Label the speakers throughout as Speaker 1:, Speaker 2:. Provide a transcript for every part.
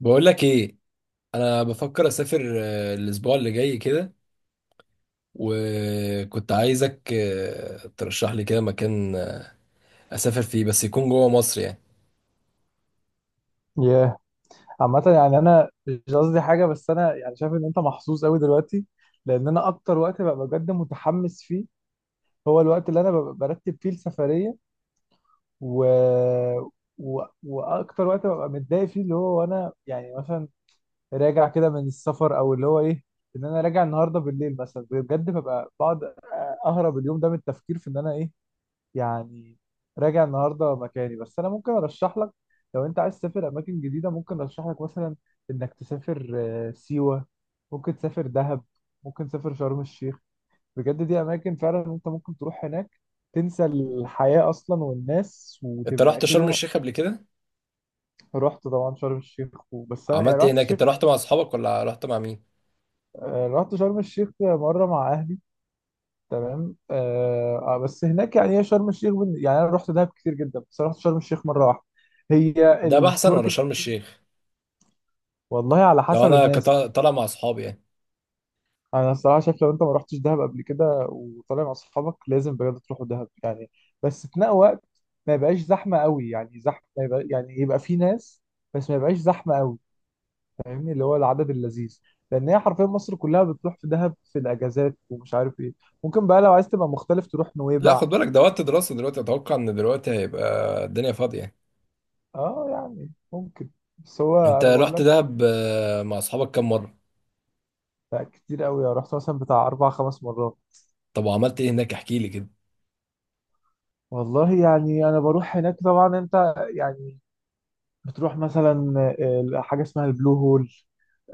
Speaker 1: بقول لك ايه. انا بفكر اسافر الاسبوع اللي جاي كده. وكنت عايزك ترشح لي كده مكان اسافر فيه، بس يكون جوه مصر يعني.
Speaker 2: ياه. عامة يعني أنا مش قصدي حاجة، بس أنا يعني شايف إن أنت محظوظ أوي دلوقتي. لأن أنا أكتر وقت ببقى بجد متحمس فيه هو الوقت اللي أنا ببقى برتب فيه السفرية. و... وأكتر وقت ببقى متضايق فيه اللي هو وأنا يعني مثلا راجع كده من السفر، أو اللي هو إيه، إن أنا راجع النهاردة بالليل مثلا بجد ببقى بقعد أهرب اليوم ده من التفكير في إن أنا إيه، يعني راجع النهارده مكاني. بس انا ممكن ارشح لك، لو انت عايز تسافر اماكن جديده ممكن ارشح لك مثلا انك تسافر سيوه، ممكن تسافر دهب، ممكن تسافر شرم الشيخ. بجد دي اماكن فعلا انت ممكن تروح هناك، تنسى الحياه اصلا والناس
Speaker 1: انت
Speaker 2: وتبقى
Speaker 1: رحت شرم
Speaker 2: كده.
Speaker 1: الشيخ قبل كده؟
Speaker 2: رحت طبعا شرم الشيخ، وبس انا يعني
Speaker 1: عملت ايه
Speaker 2: رحت
Speaker 1: هناك؟
Speaker 2: الشيخ.
Speaker 1: انت رحت مع اصحابك ولا رحت مع مين؟
Speaker 2: رحت شرم الشيخ مره مع اهلي، تمام. بس هناك يعني هي شرم الشيخ يعني انا رحت دهب كتير جدا، بس أنا رحت شرم الشيخ مره واحده. هي
Speaker 1: ده احسن ولا
Speaker 2: السنوركلينج
Speaker 1: شرم
Speaker 2: فيها.
Speaker 1: الشيخ؟
Speaker 2: والله على
Speaker 1: لو
Speaker 2: حسب
Speaker 1: انا كنت
Speaker 2: الناس.
Speaker 1: طالع مع اصحابي يعني.
Speaker 2: انا الصراحه شايف لو انت ما رحتش دهب قبل كده وطالع مع اصحابك لازم بجد تروحوا دهب يعني. بس في نفس وقت ما يبقاش زحمه قوي، يعني زحمه يبقى يعني يبقى في ناس بس ما يبقاش زحمه قوي، فاهمني، اللي هو العدد اللذيذ. لان هي حرفيا مصر كلها بتروح في دهب في الاجازات ومش عارف ايه. ممكن بقى لو عايز تبقى مختلف تروح
Speaker 1: لا،
Speaker 2: نويبع،
Speaker 1: خد بالك ده وقت
Speaker 2: تروح راس
Speaker 1: دراسة
Speaker 2: شيطان.
Speaker 1: دلوقتي، اتوقع ان دلوقتي هيبقى الدنيا فاضية.
Speaker 2: اه يعني ممكن. بس هو
Speaker 1: انت
Speaker 2: انا بقول
Speaker 1: رحت
Speaker 2: لك،
Speaker 1: دهب مع اصحابك كام مرة؟
Speaker 2: لا كتير قوي أنا رحت مثلا بتاع 4 5 مرات.
Speaker 1: طب وعملت ايه هناك؟ احكي لي كده.
Speaker 2: والله يعني انا بروح هناك طبعا، انت يعني بتروح مثلا حاجه اسمها البلو هول.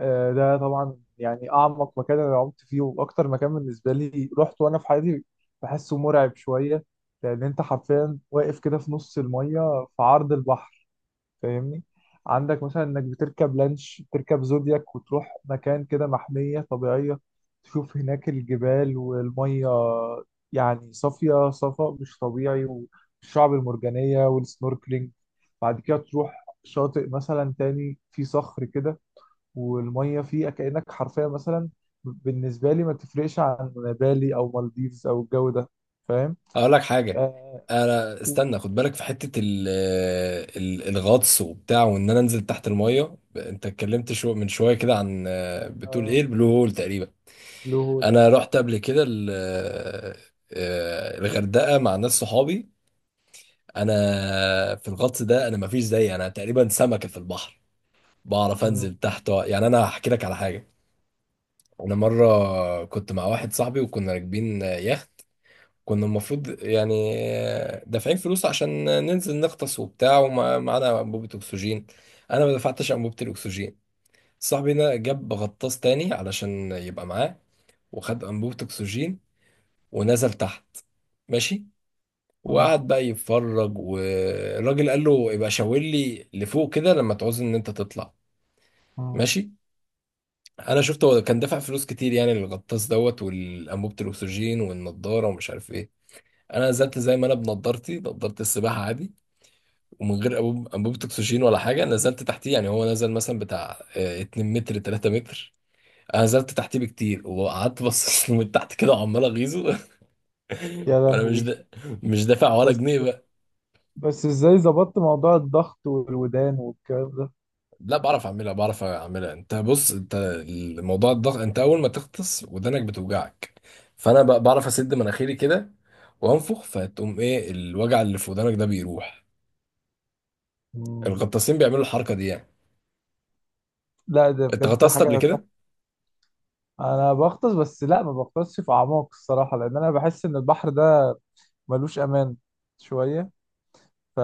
Speaker 2: ده طبعا يعني اعمق مكان انا عمت فيه واكتر مكان بالنسبه لي رحت وانا في حياتي. بحسه مرعب شويه، لان انت حرفيا واقف كده في نص الميه في عرض البحر، فاهمني. عندك مثلا انك بتركب لانش، بتركب زودياك وتروح مكان كده محمية طبيعية، تشوف هناك الجبال والمية، يعني صافية صفاء مش طبيعي، والشعب المرجانية والسنوركلينج. بعد كده تروح شاطئ مثلا تاني فيه صخر كده والمية فيه كأنك حرفيا مثلا بالنسبة لي ما تفرقش عن بالي أو مالديفز أو الجو ده. فاهم؟
Speaker 1: اقول لك حاجه.
Speaker 2: آه.
Speaker 1: انا
Speaker 2: و-
Speaker 1: استنى، خد بالك في حته ال الغطس وبتاع، وان انا انزل تحت الميه. انت اتكلمت شو من شويه كده عن، بتقول ايه؟
Speaker 2: آه.
Speaker 1: البلو هول تقريبا.
Speaker 2: بلو هول، آه.
Speaker 1: انا رحت قبل كده الغردقه مع ناس صحابي. انا، في الغطس ده انا مفيش زيي، انا تقريبا سمكه في البحر. بعرف
Speaker 2: مم،
Speaker 1: انزل تحت. يعني انا هحكي لك على حاجه. انا مره كنت مع واحد صاحبي وكنا راكبين يخت. كنا المفروض يعني دافعين فلوس عشان ننزل نغطس وبتاع، ومعانا انبوبة اكسجين. انا ما دفعتش انبوبة الاكسجين. صاحبي ده جاب غطاس تاني علشان يبقى معاه، وخد انبوبة اكسجين ونزل تحت. ماشي.
Speaker 2: مم،
Speaker 1: وقعد بقى يتفرج، والراجل قال له يبقى شاور لي لفوق كده لما تعوز ان انت تطلع.
Speaker 2: مم.
Speaker 1: ماشي. انا شفته هو كان دافع فلوس كتير يعني للغطاس دوت والانبوبة الاكسجين والنضارة ومش عارف ايه. انا نزلت زي ما انا بنضارتي، نضارة السباحة عادي. ومن غير انبوبه اكسجين ولا حاجه، نزلت تحتيه. يعني هو نزل مثلا بتاع 2 متر 3 متر. انا نزلت تحتيه بكتير وقعدت بص له من تحت كده وعمال اغيظه.
Speaker 2: يا
Speaker 1: وانا
Speaker 2: لهوي.
Speaker 1: مش دافع ولا
Speaker 2: بس
Speaker 1: جنيه بقى.
Speaker 2: بس ازاي ظبطت موضوع الضغط والودان والكلام ده؟
Speaker 1: لا، بعرف اعملها بعرف اعملها. انت بص، انت الموضوع الضغط، انت اول ما تغطس ودانك بتوجعك. فانا بقى بعرف اسد مناخيري كده وانفخ، فتقوم ايه الوجع اللي في ودانك ده بيروح.
Speaker 2: مم.
Speaker 1: الغطاسين بيعملوا الحركه دي يعني.
Speaker 2: لا ده
Speaker 1: انت
Speaker 2: بجد
Speaker 1: غطست قبل
Speaker 2: حاجة تحفة.
Speaker 1: كده؟
Speaker 2: انا بغطس، بس لا ما بغطسش في اعماق الصراحة لان انا بحس ان البحر ده ملوش امان شوية. ف...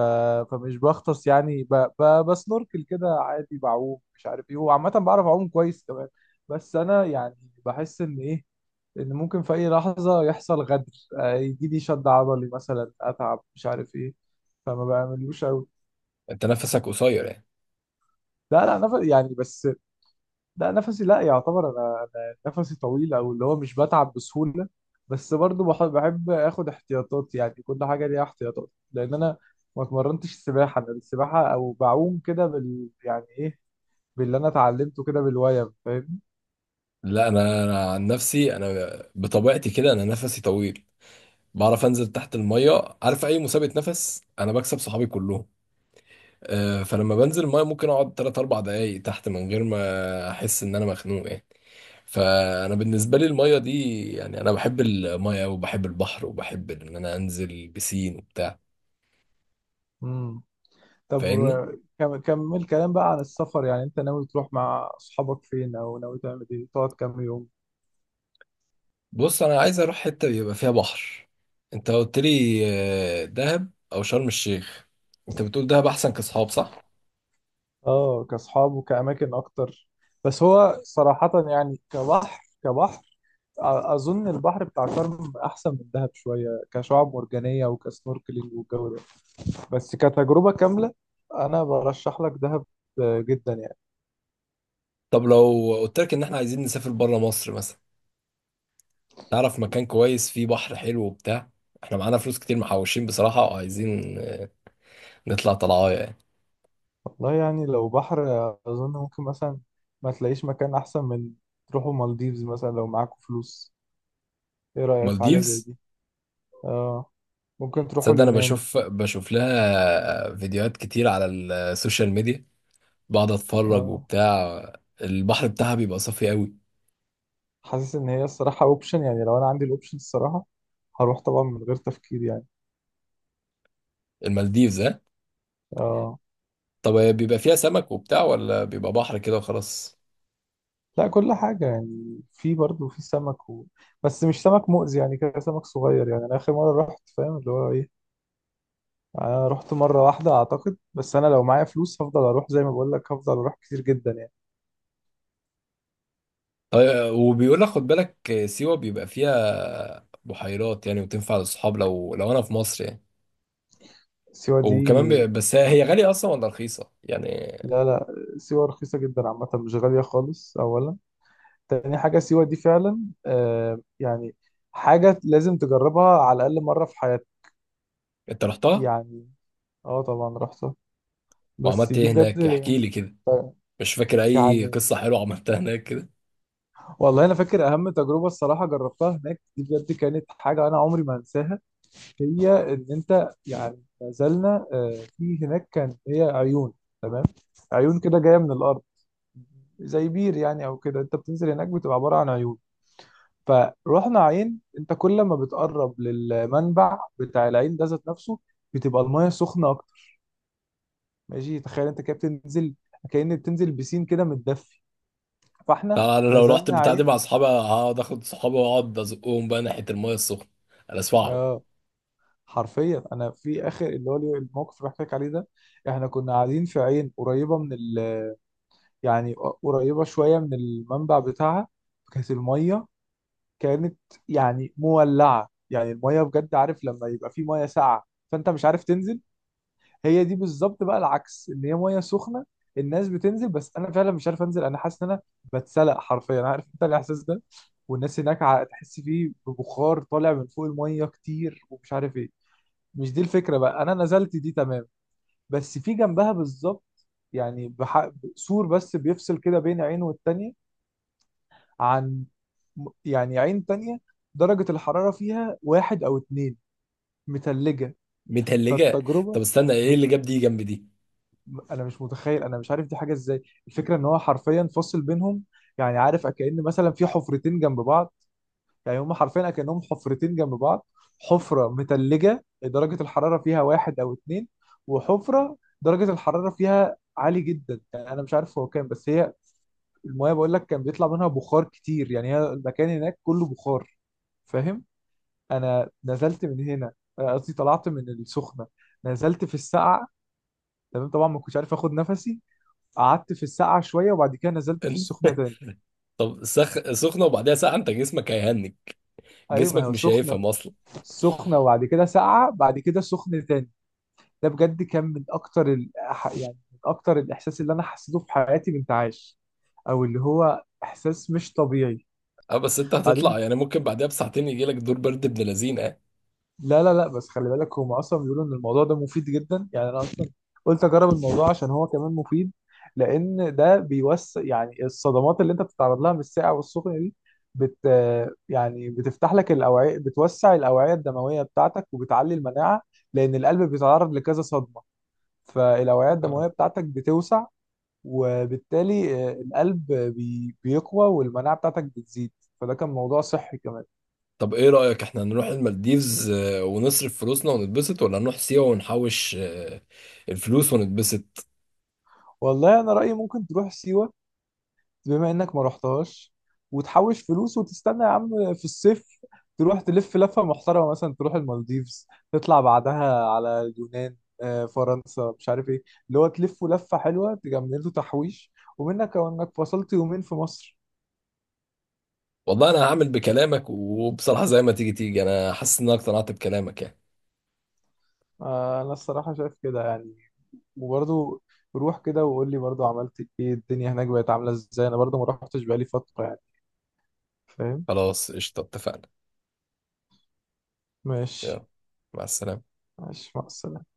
Speaker 2: فمش بغطس يعني بسنوركل كده عادي، بعوم مش عارف ايه، وعامة بعرف اعوم كويس كمان. بس انا يعني بحس ان ايه، ان ممكن في اي لحظة يحصل غدر، يجي لي شد عضلي مثلا، اتعب مش عارف ايه، فما بعملوش قوي.
Speaker 1: انت نفسك قصير يعني؟
Speaker 2: لا لا نفس يعني بس، لا نفسي لا يعتبر، انا نفسي طويل، او اللي هو مش بتعب بسهوله. بس برضو بحب اخد احتياطات يعني كل حاجه ليها احتياطات. لان انا ما اتمرنتش سباحه، انا السباحه او بعوم كده بال يعني ايه، باللي انا اتعلمته كده بالويم، فاهم.
Speaker 1: لا، انا عن نفسي، انا بطبيعتي كده انا نفسي طويل. بعرف انزل تحت الميه، عارف اي مسابقه نفس انا بكسب صحابي كلهم. فلما بنزل الميه ممكن اقعد 3 4 دقايق تحت من غير ما احس ان انا مخنوق يعني. فانا بالنسبه لي الميه دي يعني انا بحب الميه وبحب البحر وبحب ان انا انزل بسين وبتاع.
Speaker 2: امم. طب
Speaker 1: فاهمني؟
Speaker 2: كمل كلام بقى عن السفر يعني انت ناوي تروح مع اصحابك فين؟ او ناوي تعمل ايه؟ تقعد كام يوم؟
Speaker 1: بص، انا عايز اروح حته يبقى فيها بحر. انت قلت لي دهب او شرم الشيخ. انت بتقول دهب احسن كاصحاب، صح؟
Speaker 2: اه كاصحاب وكاماكن اكتر. بس هو صراحه يعني كبحر، كبحر اظن البحر بتاع شرم احسن من دهب شويه كشعاب مرجانيه وكسنوركلينج والجو ده. بس كتجربه كامله انا برشح لك دهب جدا يعني.
Speaker 1: طب لو قلت لك ان احنا عايزين نسافر بره مصر مثلا، تعرف مكان كويس فيه بحر حلو وبتاع؟ احنا معانا فلوس كتير محوشين بصراحة، وعايزين نطلع طلعايه يعني.
Speaker 2: والله يعني لو بحر اظن ممكن مثلا ما تلاقيش مكان احسن من تروحوا مالديفز مثلا لو معاكم فلوس. ايه رايك في حاجه زي
Speaker 1: مالديفز؟
Speaker 2: دي؟ اه. ممكن تروحوا
Speaker 1: تصدق، انا
Speaker 2: اليونان.
Speaker 1: بشوف لها فيديوهات كتير على السوشيال ميديا، بقعد اتفرج
Speaker 2: اه.
Speaker 1: وبتاع. البحر بتاعها بيبقى صافي قوي.
Speaker 2: حاسس ان هي الصراحه اوبشن يعني، لو انا عندي الاوبشن الصراحه هروح طبعا من غير تفكير يعني.
Speaker 1: المالديفز، ها؟
Speaker 2: اه.
Speaker 1: طب هي بيبقى فيها سمك وبتاع ولا بيبقى بحر كده وخلاص؟
Speaker 2: لا كل حاجة يعني، في برضه في سمك و... بس مش سمك مؤذي، يعني كده سمك صغير. يعني أنا آخر مرة رحت، فاهم اللي هو إيه، أنا رحت مرة واحدة أعتقد. بس أنا لو معايا فلوس هفضل أروح، زي ما بقول لك هفضل أروح كتير جدا يعني.
Speaker 1: طيب، وبيقول لك خد بالك سيوة بيبقى فيها بحيرات يعني، وتنفع للصحاب لو انا في مصر يعني.
Speaker 2: سيوة دي
Speaker 1: وكمان بس هي
Speaker 2: يعني،
Speaker 1: غالية أصلا ولا رخيصة؟ يعني،
Speaker 2: لا لا، سيوة رخيصة جدا عامة، مش غالية خالص أولا. تاني حاجة سيوة دي فعلا يعني حاجة لازم تجربها على الأقل مرة في حياتك.
Speaker 1: أنت رحتها؟
Speaker 2: يعني اه طبعا رحتها، بس
Speaker 1: وعملت
Speaker 2: دي
Speaker 1: إيه هناك؟
Speaker 2: بجد
Speaker 1: احكي لي كده. مش فاكر أي
Speaker 2: يعني.
Speaker 1: قصة حلوة عملتها هناك كده؟
Speaker 2: والله انا فاكر اهم تجربه الصراحه جربتها هناك، دي بجد كانت حاجه انا عمري ما انساها. هي ان انت يعني نزلنا في هناك كان هي عيون، تمام. عيون كده جايه من الارض زي بير يعني، او كده انت بتنزل هناك بتبقى عباره عن عيون. فروحنا عين، انت كل ما بتقرب للمنبع بتاع العين ده ذات نفسه بتبقى المايه سخنه اكتر. ماشي، تخيل انت كده بتنزل كأن بتنزل بسين كده متدفي. فاحنا
Speaker 1: طبعا أنا لو رحت
Speaker 2: نزلنا
Speaker 1: البتاع دي
Speaker 2: عين.
Speaker 1: مع أصحابي هقعد آخد صحابي وأقعد أزقهم بقى ناحية المية السخنة. أنا أسمعهم.
Speaker 2: اه، حرفيا انا في اخر اللي هو الموقف اللي بحكي لك عليه ده، احنا كنا قاعدين في عين قريبه من يعني قريبه شويه من المنبع بتاعها. كانت الميه كانت يعني مولعه، يعني الميه بجد، عارف لما يبقى في ميه ساقعه فانت مش عارف تنزل؟ هي دي بالظبط، بقى العكس ان هي ميه سخنه. الناس بتنزل، بس انا فعلا مش عارف انزل، انا حاسس ان انا بتسلق حرفيا، عارف انت الاحساس ده. والناس هناك تحس فيه ببخار طالع من فوق الميه كتير ومش عارف ايه. مش دي الفكرة، بقى أنا نزلت دي تمام. بس في جنبها بالظبط، يعني سور بس بيفصل كده بين عين والتانية، عن يعني عين تانية درجة الحرارة فيها 1 أو 2 متلجة.
Speaker 1: متهلجة.
Speaker 2: فالتجربة
Speaker 1: طب استنى، إيه
Speaker 2: مت...
Speaker 1: اللي جاب دي جنب دي؟
Speaker 2: أنا مش متخيل، أنا مش عارف دي حاجة إزاي. الفكرة إن هو حرفيا فاصل بينهم، يعني عارف كأن مثلا في حفرتين جنب بعض، يعني هم حرفيا كأنهم حفرتين جنب بعض. حفرة متلجة درجة الحرارة فيها واحد أو اتنين، وحفرة درجة الحرارة فيها عالي جدا، يعني أنا مش عارف هو كام، بس هي المايه بقول لك كان بيطلع منها بخار كتير، يعني هي المكان هناك كله بخار، فاهم. أنا نزلت من هنا، قصدي طلعت من السخنة، نزلت في السقعة. تمام طبعا ما كنتش عارف اخد نفسي، قعدت في السقعة شوية وبعد كده نزلت في السخنة تاني.
Speaker 1: طب سخنة وبعدها ساعة أنت جسمك هيهنج.
Speaker 2: ايوه، ما
Speaker 1: جسمك
Speaker 2: هو
Speaker 1: مش
Speaker 2: سخنة،
Speaker 1: هيفهم أصلا.
Speaker 2: سخنة وبعد كده ساقعة بعد كده سخنة تاني. ده بجد كان من اكتر يعني من اكتر الاحساس اللي انا حسيته في حياتي بانتعاش، او اللي هو احساس مش طبيعي.
Speaker 1: أه، بس أنت
Speaker 2: بعدين
Speaker 1: هتطلع يعني، ممكن بعدها بساعتين يجيلك دور برد ابن لذينة
Speaker 2: لا لا لا بس خلي بالك هم اصلا بيقولوا ان الموضوع ده مفيد جدا، يعني انا اصلا قلت اجرب الموضوع عشان هو كمان مفيد. لان ده بيوسع يعني الصدمات اللي انت بتتعرض لها من الساقع والسخن دي بت يعني بتفتح لك الاوعيه، بتوسع الاوعيه الدمويه بتاعتك وبتعلي المناعه، لان القلب بيتعرض لكذا صدمه. فالاوعيه الدمويه
Speaker 1: يعني.
Speaker 2: بتاعتك بتوسع، وبالتالي القلب بيقوى، والمناعة بتاعتك بتزيد، فده كان موضوع صحي كمان.
Speaker 1: طب ايه رأيك، احنا نروح المالديفز ونصرف فلوسنا ونتبسط ولا نروح سيوة ونحوش الفلوس ونتبسط؟
Speaker 2: والله انا رأيي ممكن تروح سيوة بما انك ما رحتهاش، وتحوش فلوس وتستنى يا عم في الصيف تروح تلف لفة محترمة، مثلا تروح المالديفز تطلع بعدها على اليونان، فرنسا مش عارف ايه، اللي هو تلفوا لفة حلوة تجملوا تحويش ومنك او انك فصلت يومين في مصر.
Speaker 1: والله انا هعمل بكلامك، وبصراحة زي ما تيجي تيجي انا حاسس ان انا اقتنعت بكلامك يعني.
Speaker 2: انا الصراحة شايف كده يعني، وبرضه روح كده وقول لي برضه عملت ايه، الدنيا هناك بقت عاملة ازاي، انا برضه ما روحتش بقالي فترة يعني، فاهم.
Speaker 1: خلاص، قشطة، اتفقنا.
Speaker 2: ماشي.
Speaker 1: يلا، مع السلامة.
Speaker 2: ماشي، مع السلامة.